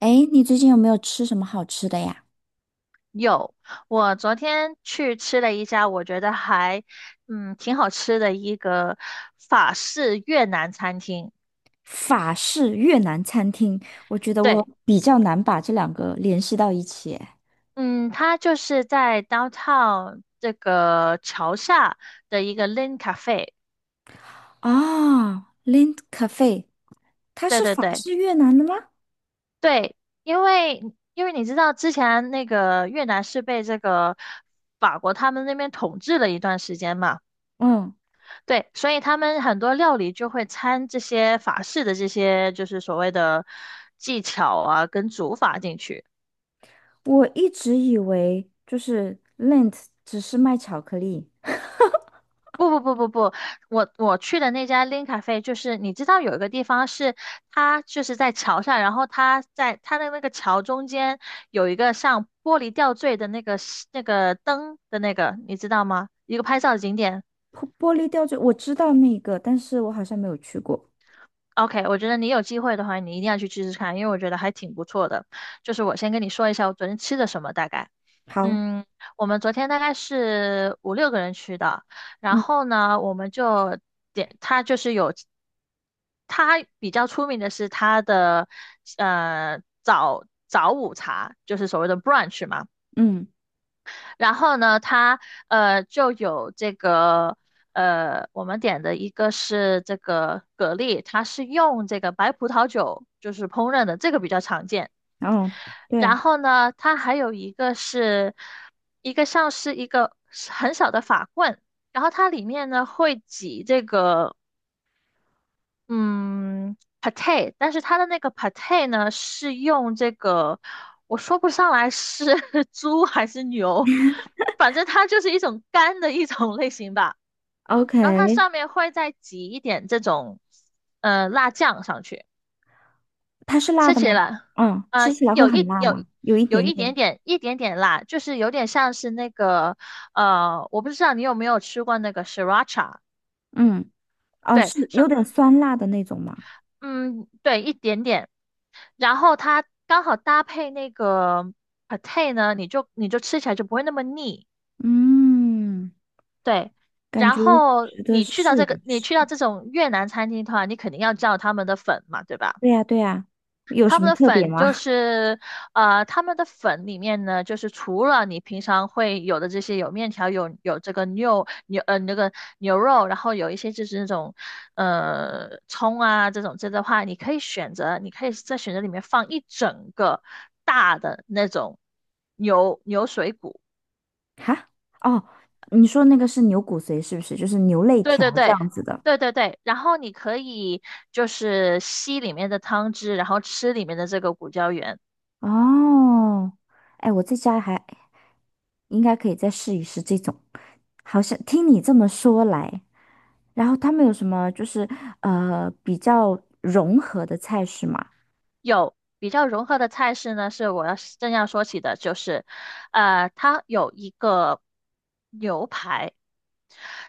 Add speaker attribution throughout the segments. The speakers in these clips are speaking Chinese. Speaker 1: 哎，你最近有没有吃什么好吃的呀？
Speaker 2: 有，我昨天去吃了一家，我觉得还，挺好吃的一个法式越南餐厅。
Speaker 1: 法式越南餐厅，我觉得我
Speaker 2: 对，
Speaker 1: 比较难把这两个联系到一起诶。
Speaker 2: 嗯，它就是在 downtown 这个桥下的一个 Lin Cafe。
Speaker 1: 啊 l i n d Cafe，它
Speaker 2: 对
Speaker 1: 是
Speaker 2: 对
Speaker 1: 法
Speaker 2: 对
Speaker 1: 式越南的吗？
Speaker 2: 对，因为你知道之前那个越南是被这个法国他们那边统治了一段时间嘛。
Speaker 1: 嗯，
Speaker 2: 对，所以他们很多料理就会掺这些法式的这些，就是所谓的技巧啊，跟煮法进去。
Speaker 1: 我一直以为就是 Lind 只是卖巧克力，
Speaker 2: 不不不不不，我去的那家 Lin Cafe,就是你知道有一个地方是它就是在桥上，然后它在它的那个桥中间有一个像玻璃吊坠的那个灯的那个，你知道吗？一个拍照的景点。
Speaker 1: 玻璃吊坠，我知道那个，但是我好像没有去过。
Speaker 2: OK,我觉得你有机会的话，你一定要去吃吃看，因为我觉得还挺不错的。就是我先跟你说一下我昨天吃的什么，大概。
Speaker 1: 好，
Speaker 2: 嗯，我们昨天大概是五六个人去的，然
Speaker 1: 嗯
Speaker 2: 后呢，我们就点，它就是有，它比较出名的是它的早午茶，就是所谓的 brunch 嘛。
Speaker 1: 嗯，
Speaker 2: 然后呢，它就有这个我们点的一个是这个蛤蜊，它是用这个白葡萄酒就是烹饪的，这个比较常见。
Speaker 1: 哦，
Speaker 2: 然
Speaker 1: 对
Speaker 2: 后呢，它还有一个是一个像是一个很小的法棍，然后它里面呢会挤这个嗯，pate,但是它的那个 pate 呢，是用这个，我说不上来是 猪还是牛，反正它就是一种干的一种类型吧。
Speaker 1: ，OK，
Speaker 2: 然后它上面会再挤一点这种，辣酱上去，
Speaker 1: 它是辣
Speaker 2: 吃
Speaker 1: 的
Speaker 2: 起
Speaker 1: 吗？
Speaker 2: 来，
Speaker 1: 嗯，吃
Speaker 2: 呃，
Speaker 1: 起来会
Speaker 2: 有
Speaker 1: 很
Speaker 2: 一
Speaker 1: 辣
Speaker 2: 有
Speaker 1: 吗？有一
Speaker 2: 有
Speaker 1: 点
Speaker 2: 一点
Speaker 1: 点。
Speaker 2: 点辣，就是有点像是那个，呃，我不知道你有没有吃过那个 sriracha。
Speaker 1: 嗯。哦，
Speaker 2: 对
Speaker 1: 是有点酸辣的那种吗？
Speaker 2: 嗯，对，一点点。然后它刚好搭配那个 pate 呢，你就吃起来就不会那么腻。
Speaker 1: 嗯，
Speaker 2: 对，
Speaker 1: 感
Speaker 2: 然
Speaker 1: 觉
Speaker 2: 后
Speaker 1: 值得
Speaker 2: 你去到
Speaker 1: 试
Speaker 2: 这个，
Speaker 1: 一
Speaker 2: 你
Speaker 1: 试。
Speaker 2: 去到这种越南餐厅的话，你肯定要叫他们的粉嘛，对吧？
Speaker 1: 对呀，对呀，有
Speaker 2: 他
Speaker 1: 什么
Speaker 2: 们的
Speaker 1: 特别
Speaker 2: 粉
Speaker 1: 吗？
Speaker 2: 就 是，呃，他们的粉里面呢，就是除了你平常会有的这些，有面条，有这个牛牛呃那个牛肉，然后有一些就是那种葱啊这种这的话，你可以选择，你可以在选择里面放一整个大的那种牛水骨，
Speaker 1: 哈？哦，你说那个是牛骨髓是不是？就是牛肋
Speaker 2: 对
Speaker 1: 条
Speaker 2: 对
Speaker 1: 这
Speaker 2: 对。
Speaker 1: 样子的。
Speaker 2: 对对对，然后你可以就是吸里面的汤汁，然后吃里面的这个骨胶原。
Speaker 1: 哦，哎，我在家还应该可以再试一试这种。好像听你这么说来，然后他们有什么就是比较融合的菜式吗？
Speaker 2: 有比较融合的菜式呢，是我要正要说起的，就是，呃，它有一个牛排，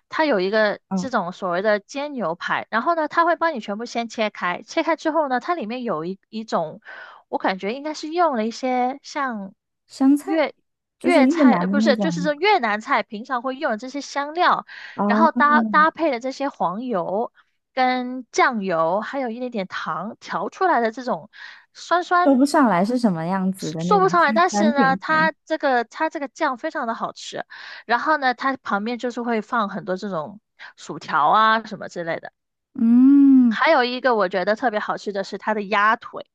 Speaker 2: 它有一个这
Speaker 1: 嗯，
Speaker 2: 种所谓的煎牛排，然后呢，它会帮你全部先切开，切开之后呢，它里面有一种，我感觉应该是用了一些像
Speaker 1: 湘菜
Speaker 2: 粤
Speaker 1: 就是
Speaker 2: 粤
Speaker 1: 越
Speaker 2: 菜，
Speaker 1: 南
Speaker 2: 呃，
Speaker 1: 的
Speaker 2: 不
Speaker 1: 那
Speaker 2: 是，就是
Speaker 1: 种。
Speaker 2: 这越南菜平常会用的这些香料，然后搭
Speaker 1: 哦
Speaker 2: 配的这些黄油跟酱油，还有一点点糖调出来的这种酸
Speaker 1: 说
Speaker 2: 酸
Speaker 1: 不上来是什么样子的那
Speaker 2: 说
Speaker 1: 种
Speaker 2: 不上来，
Speaker 1: 酸
Speaker 2: 但
Speaker 1: 酸
Speaker 2: 是
Speaker 1: 甜
Speaker 2: 呢，
Speaker 1: 甜。
Speaker 2: 它这个酱非常的好吃，然后呢，它旁边就是会放很多这种薯条啊什么之类的。
Speaker 1: 嗯，
Speaker 2: 还有一个我觉得特别好吃的是它的鸭腿，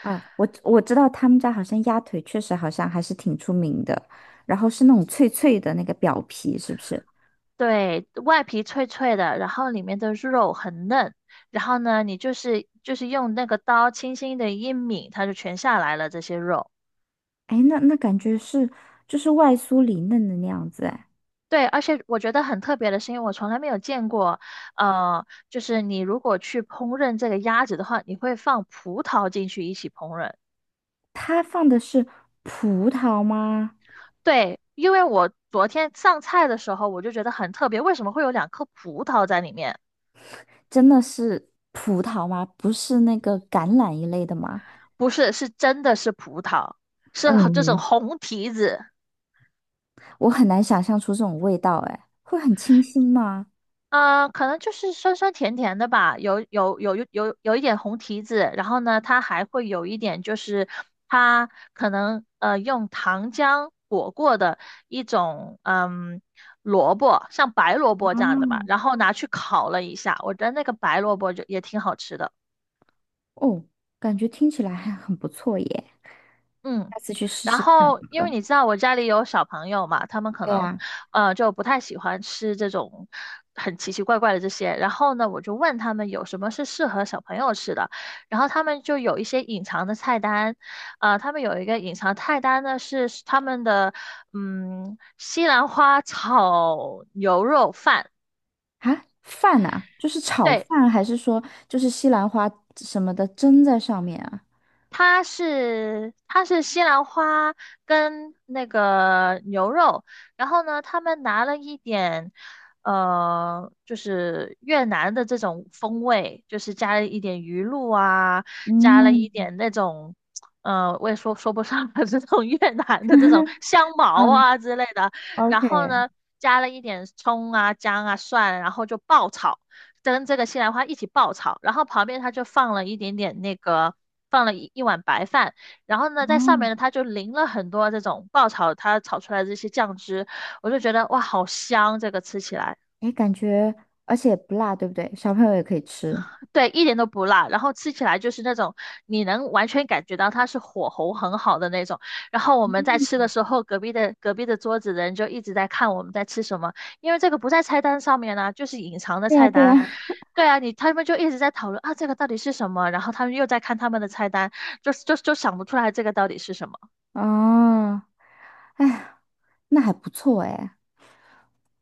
Speaker 1: 啊，我知道他们家好像鸭腿确实好像还是挺出名的，然后是那种脆脆的那个表皮，是不是？
Speaker 2: 对，外皮脆脆的，然后里面的肉很嫩，然后呢，你就是用那个刀轻轻的一抿，它就全下来了这些肉。
Speaker 1: 哎，那感觉是就是外酥里嫩的那样子。哎，
Speaker 2: 对，而且我觉得很特别的是，因为我从来没有见过，呃，就是你如果去烹饪这个鸭子的话，你会放葡萄进去一起烹饪。
Speaker 1: 它放的是葡萄吗？
Speaker 2: 对，因为我昨天上菜的时候，我就觉得很特别，为什么会有两颗葡萄在里面？
Speaker 1: 真的是葡萄吗？不是那个橄榄一类的吗？
Speaker 2: 不是，是真的是葡萄，是这种
Speaker 1: 嗯，
Speaker 2: 红提子。
Speaker 1: 我很难想象出这种味道。哎，会很清新吗？
Speaker 2: 啊、可能就是酸酸甜甜的吧，有一点红提子，然后呢，它还会有一点就是它可能用糖浆裹过的一种萝卜，像白萝卜这样的吧，
Speaker 1: 嗯。
Speaker 2: 然后拿去烤了一下，我觉得那个白萝卜就也挺好吃的。
Speaker 1: 哦，感觉听起来还很不错耶，
Speaker 2: 嗯，
Speaker 1: 下次去试
Speaker 2: 然
Speaker 1: 试看
Speaker 2: 后
Speaker 1: 好
Speaker 2: 因为
Speaker 1: 了。
Speaker 2: 你知道我家里有小朋友嘛，他们可
Speaker 1: 对
Speaker 2: 能
Speaker 1: 呀，
Speaker 2: 就不太喜欢吃这种很奇奇怪怪的这些。然后呢，我就问他们有什么是适合小朋友吃的，然后他们就有一些隐藏的菜单，呃，他们有一个隐藏菜单呢是他们的西兰花炒牛肉饭。
Speaker 1: 啊，饭呐，就是炒
Speaker 2: 对，
Speaker 1: 饭，还是说就是西兰花什么的蒸在上面啊？
Speaker 2: 它是西兰花跟那个牛肉，然后呢，他们拿了一点，呃，就是越南的这种风味，就是加了一点鱼露啊，加了一
Speaker 1: 嗯
Speaker 2: 点那种，呃，我也说不上来 这种越南的这种 香茅
Speaker 1: 嗯
Speaker 2: 啊之类的，
Speaker 1: ，OK，
Speaker 2: 然后呢，加了一点葱啊、姜啊、蒜，然后就爆炒。跟这个西兰花一起爆炒，然后旁边它就放了一点点那个。放了一碗白饭，然后呢，在上
Speaker 1: 哦，
Speaker 2: 面呢，它就淋了很多这种爆炒它炒出来的这些酱汁，我就觉得哇，好香！这个吃起来，
Speaker 1: 哎，感觉而且也不辣，对不对？小朋友也可以吃。
Speaker 2: 对，一点都不辣，然后吃起来就是那种你能完全感觉到它是火候很好的那种。然后我们在吃的时候，隔壁的桌子的人就一直在看我们在吃什么，因为这个不在菜单上面呢、就是隐藏的
Speaker 1: 对呀，
Speaker 2: 菜
Speaker 1: 对呀。
Speaker 2: 单。对啊，你他们就一直在讨论啊，这个到底是什么？然后他们又在看他们的菜单，就想不出来这个到底是什么。
Speaker 1: 哦，哎呀，那还不错哎。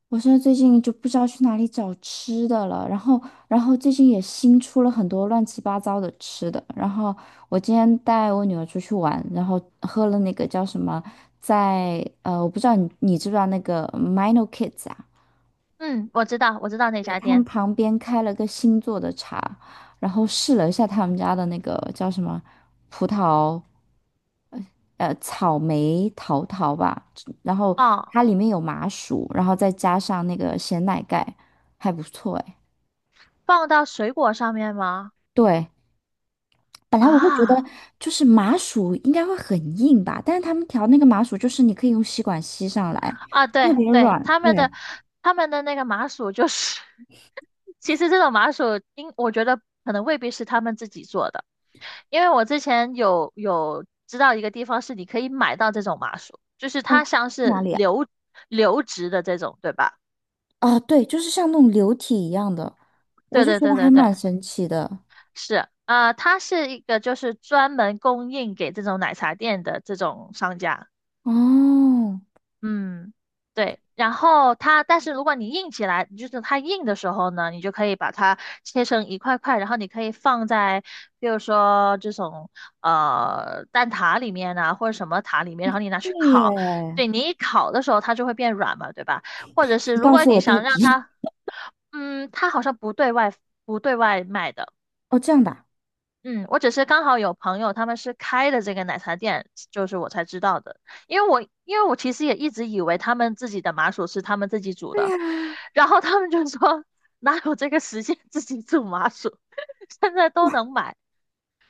Speaker 1: 我现在最近就不知道去哪里找吃的了，然后，然后最近也新出了很多乱七八糟的吃的。然后我今天带我女儿出去玩，然后喝了那个叫什么，在我不知道你知不知道那个 Mino Kids 啊？
Speaker 2: 嗯，我知道，我知道那
Speaker 1: 对，
Speaker 2: 家
Speaker 1: 他们
Speaker 2: 店。
Speaker 1: 旁边开了个新做的茶，然后试了一下他们家的那个叫什么葡萄，草莓桃桃吧，然后
Speaker 2: 哦，
Speaker 1: 它里面有麻薯，然后再加上那个咸奶盖，还不错哎。
Speaker 2: 放到水果上面吗？
Speaker 1: 对，本来我会觉得
Speaker 2: 啊
Speaker 1: 就是麻薯应该会很硬吧，但是他们调那个麻薯就是你可以用吸管吸上来，
Speaker 2: 啊，
Speaker 1: 特
Speaker 2: 对
Speaker 1: 别
Speaker 2: 对，
Speaker 1: 软。对，
Speaker 2: 他们的那个麻薯就是 其实这种麻薯，我觉得可能未必是他们自己做的，因为我之前有知道一个地方是你可以买到这种麻薯，就是它
Speaker 1: 哦，
Speaker 2: 像
Speaker 1: 在哪
Speaker 2: 是
Speaker 1: 里啊？
Speaker 2: 流质的这种，对吧？
Speaker 1: 啊，对，就是像那种流体一样的，我
Speaker 2: 对
Speaker 1: 就
Speaker 2: 对
Speaker 1: 觉得
Speaker 2: 对
Speaker 1: 还
Speaker 2: 对对，
Speaker 1: 蛮神奇的。
Speaker 2: 是，啊，它是一个就是专门供应给这种奶茶店的这种商家。
Speaker 1: 哦，
Speaker 2: 嗯，对。然后它，但是如果你硬起来，就是它硬的时候呢，你就可以把它切成一块块，然后你可以放在，比如说这种蛋挞里面啊，或者什么塔里面，然后你拿
Speaker 1: 对
Speaker 2: 去
Speaker 1: 耶，
Speaker 2: 烤。对，你一烤的时候，它就会变软嘛，对吧？或者是
Speaker 1: 你
Speaker 2: 如
Speaker 1: 告
Speaker 2: 果
Speaker 1: 诉我
Speaker 2: 你
Speaker 1: 地
Speaker 2: 想让
Speaker 1: 址。
Speaker 2: 它，嗯，它好像不对外不对外卖的。
Speaker 1: 哦，这样的啊
Speaker 2: 嗯，我只是刚好有朋友他们是开的这个奶茶店，就是我才知道的。因为我其实也一直以为他们自己的麻薯是他们自己煮
Speaker 1: 对
Speaker 2: 的，
Speaker 1: 呀，
Speaker 2: 然后他们就说哪有这个时间自己煮麻薯，现在都
Speaker 1: 哇，
Speaker 2: 能买，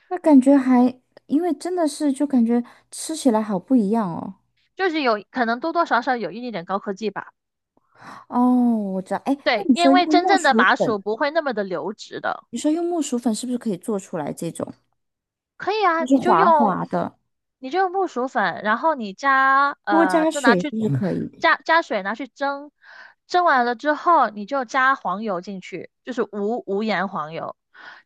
Speaker 1: 那感觉还，因为真的是就感觉吃起来好不一样哦。
Speaker 2: 就是有可能多多少少有一点点高科技吧。
Speaker 1: 哦，我知道，哎，那
Speaker 2: 对，
Speaker 1: 你说
Speaker 2: 因为
Speaker 1: 用
Speaker 2: 真
Speaker 1: 木
Speaker 2: 正的
Speaker 1: 薯
Speaker 2: 麻
Speaker 1: 粉，
Speaker 2: 薯不会那么的流质的。
Speaker 1: 你说用木薯粉是不是可以做出来这种？
Speaker 2: 可以啊，
Speaker 1: 就是滑滑的，
Speaker 2: 你就用木薯粉，然后你加
Speaker 1: 多
Speaker 2: 呃，
Speaker 1: 加
Speaker 2: 就拿
Speaker 1: 水是
Speaker 2: 去
Speaker 1: 不是嗯可以的？
Speaker 2: 加水拿去蒸，蒸完了之后你就加黄油进去，就是无盐黄油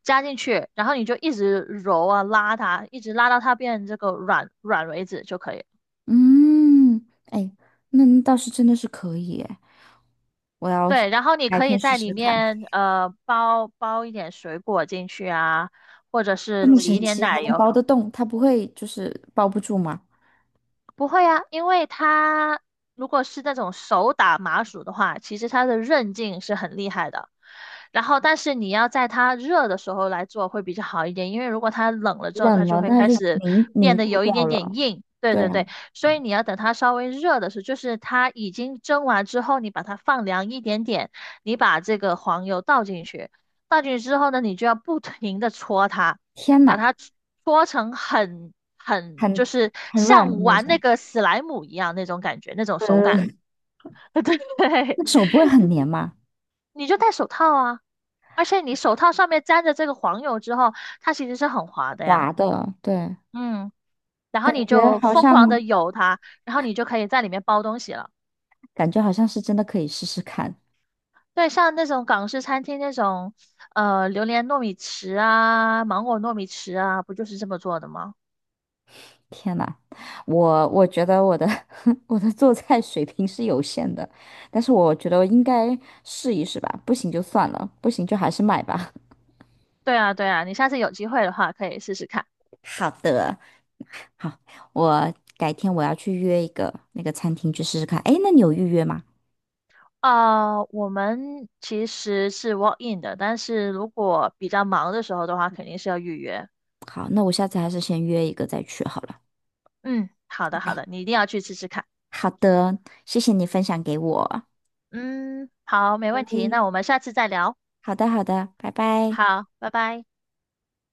Speaker 2: 加进去，然后你就一直揉啊拉它，一直拉到它变这个软软为止就可以了。
Speaker 1: 嗯，哎，那倒是真的是可以哎，我要
Speaker 2: 对，然后你
Speaker 1: 白
Speaker 2: 可
Speaker 1: 天
Speaker 2: 以
Speaker 1: 试
Speaker 2: 在
Speaker 1: 试
Speaker 2: 里
Speaker 1: 看。
Speaker 2: 面呃包一点水果进去啊，或者
Speaker 1: 这
Speaker 2: 是
Speaker 1: 么
Speaker 2: 挤一
Speaker 1: 神
Speaker 2: 点
Speaker 1: 奇还
Speaker 2: 奶
Speaker 1: 能
Speaker 2: 油。
Speaker 1: 包得动？它不会就是包不住吗？
Speaker 2: 不会啊，因为它如果是那种手打麻薯的话，其实它的韧劲是很厉害的。然后，但是你要在它热的时候来做会比较好一点，因为如果它冷了之后，它
Speaker 1: 冷
Speaker 2: 就
Speaker 1: 了
Speaker 2: 会
Speaker 1: 它
Speaker 2: 开
Speaker 1: 就
Speaker 2: 始
Speaker 1: 凝凝
Speaker 2: 变得
Speaker 1: 固
Speaker 2: 有一
Speaker 1: 掉
Speaker 2: 点点
Speaker 1: 了。
Speaker 2: 硬。对
Speaker 1: 对
Speaker 2: 对
Speaker 1: 啊，
Speaker 2: 对，所以你要等它稍微热的时候，就是它已经蒸完之后，你把它放凉一点点，你把这个黄油倒进去，倒进去之后呢，你就要不停的搓它。
Speaker 1: 天
Speaker 2: 把
Speaker 1: 哪，
Speaker 2: 它搓成很就
Speaker 1: 很
Speaker 2: 是
Speaker 1: 很软的
Speaker 2: 像
Speaker 1: 那
Speaker 2: 玩那
Speaker 1: 种。
Speaker 2: 个史莱姆一样那种感觉，那种手感。
Speaker 1: 嗯，
Speaker 2: 对，
Speaker 1: 那手不会很黏吗？
Speaker 2: 你就戴手套啊，而且你手套上面沾着这个黄油之后，它其实是很滑的呀。
Speaker 1: 滑的，对，
Speaker 2: 嗯，然后
Speaker 1: 感
Speaker 2: 你
Speaker 1: 觉
Speaker 2: 就
Speaker 1: 好
Speaker 2: 疯狂
Speaker 1: 像
Speaker 2: 的游它，然后你就可以在里面包东西了。
Speaker 1: 感觉好像是真的可以试试看。
Speaker 2: 对，像那种港式餐厅那种，呃，榴莲糯米糍啊，芒果糯米糍啊，不就是这么做的吗？
Speaker 1: 天呐，我觉得我的 我的做菜水平是有限的，但是我觉得我应该试一试吧，不行就算了，不行就还是买吧。
Speaker 2: 对啊，对啊，你下次有机会的话可以试试看。
Speaker 1: 好的，好，我改天我要去约一个那个餐厅去试试看。哎，那你有预约吗？
Speaker 2: 啊，我们其实是 walk in 的，但是如果比较忙的时候的话，肯定是要预约。
Speaker 1: 好，那我下次还是先约一个再去好了。
Speaker 2: 嗯，好
Speaker 1: 拜
Speaker 2: 的
Speaker 1: 拜。
Speaker 2: 好的，你一定要去吃吃看。
Speaker 1: 好的，谢谢你分享给我。
Speaker 2: 嗯，好，没
Speaker 1: 拜
Speaker 2: 问
Speaker 1: 拜。
Speaker 2: 题，那我们下次再聊。
Speaker 1: 好的，好的，拜拜。
Speaker 2: 好，拜拜。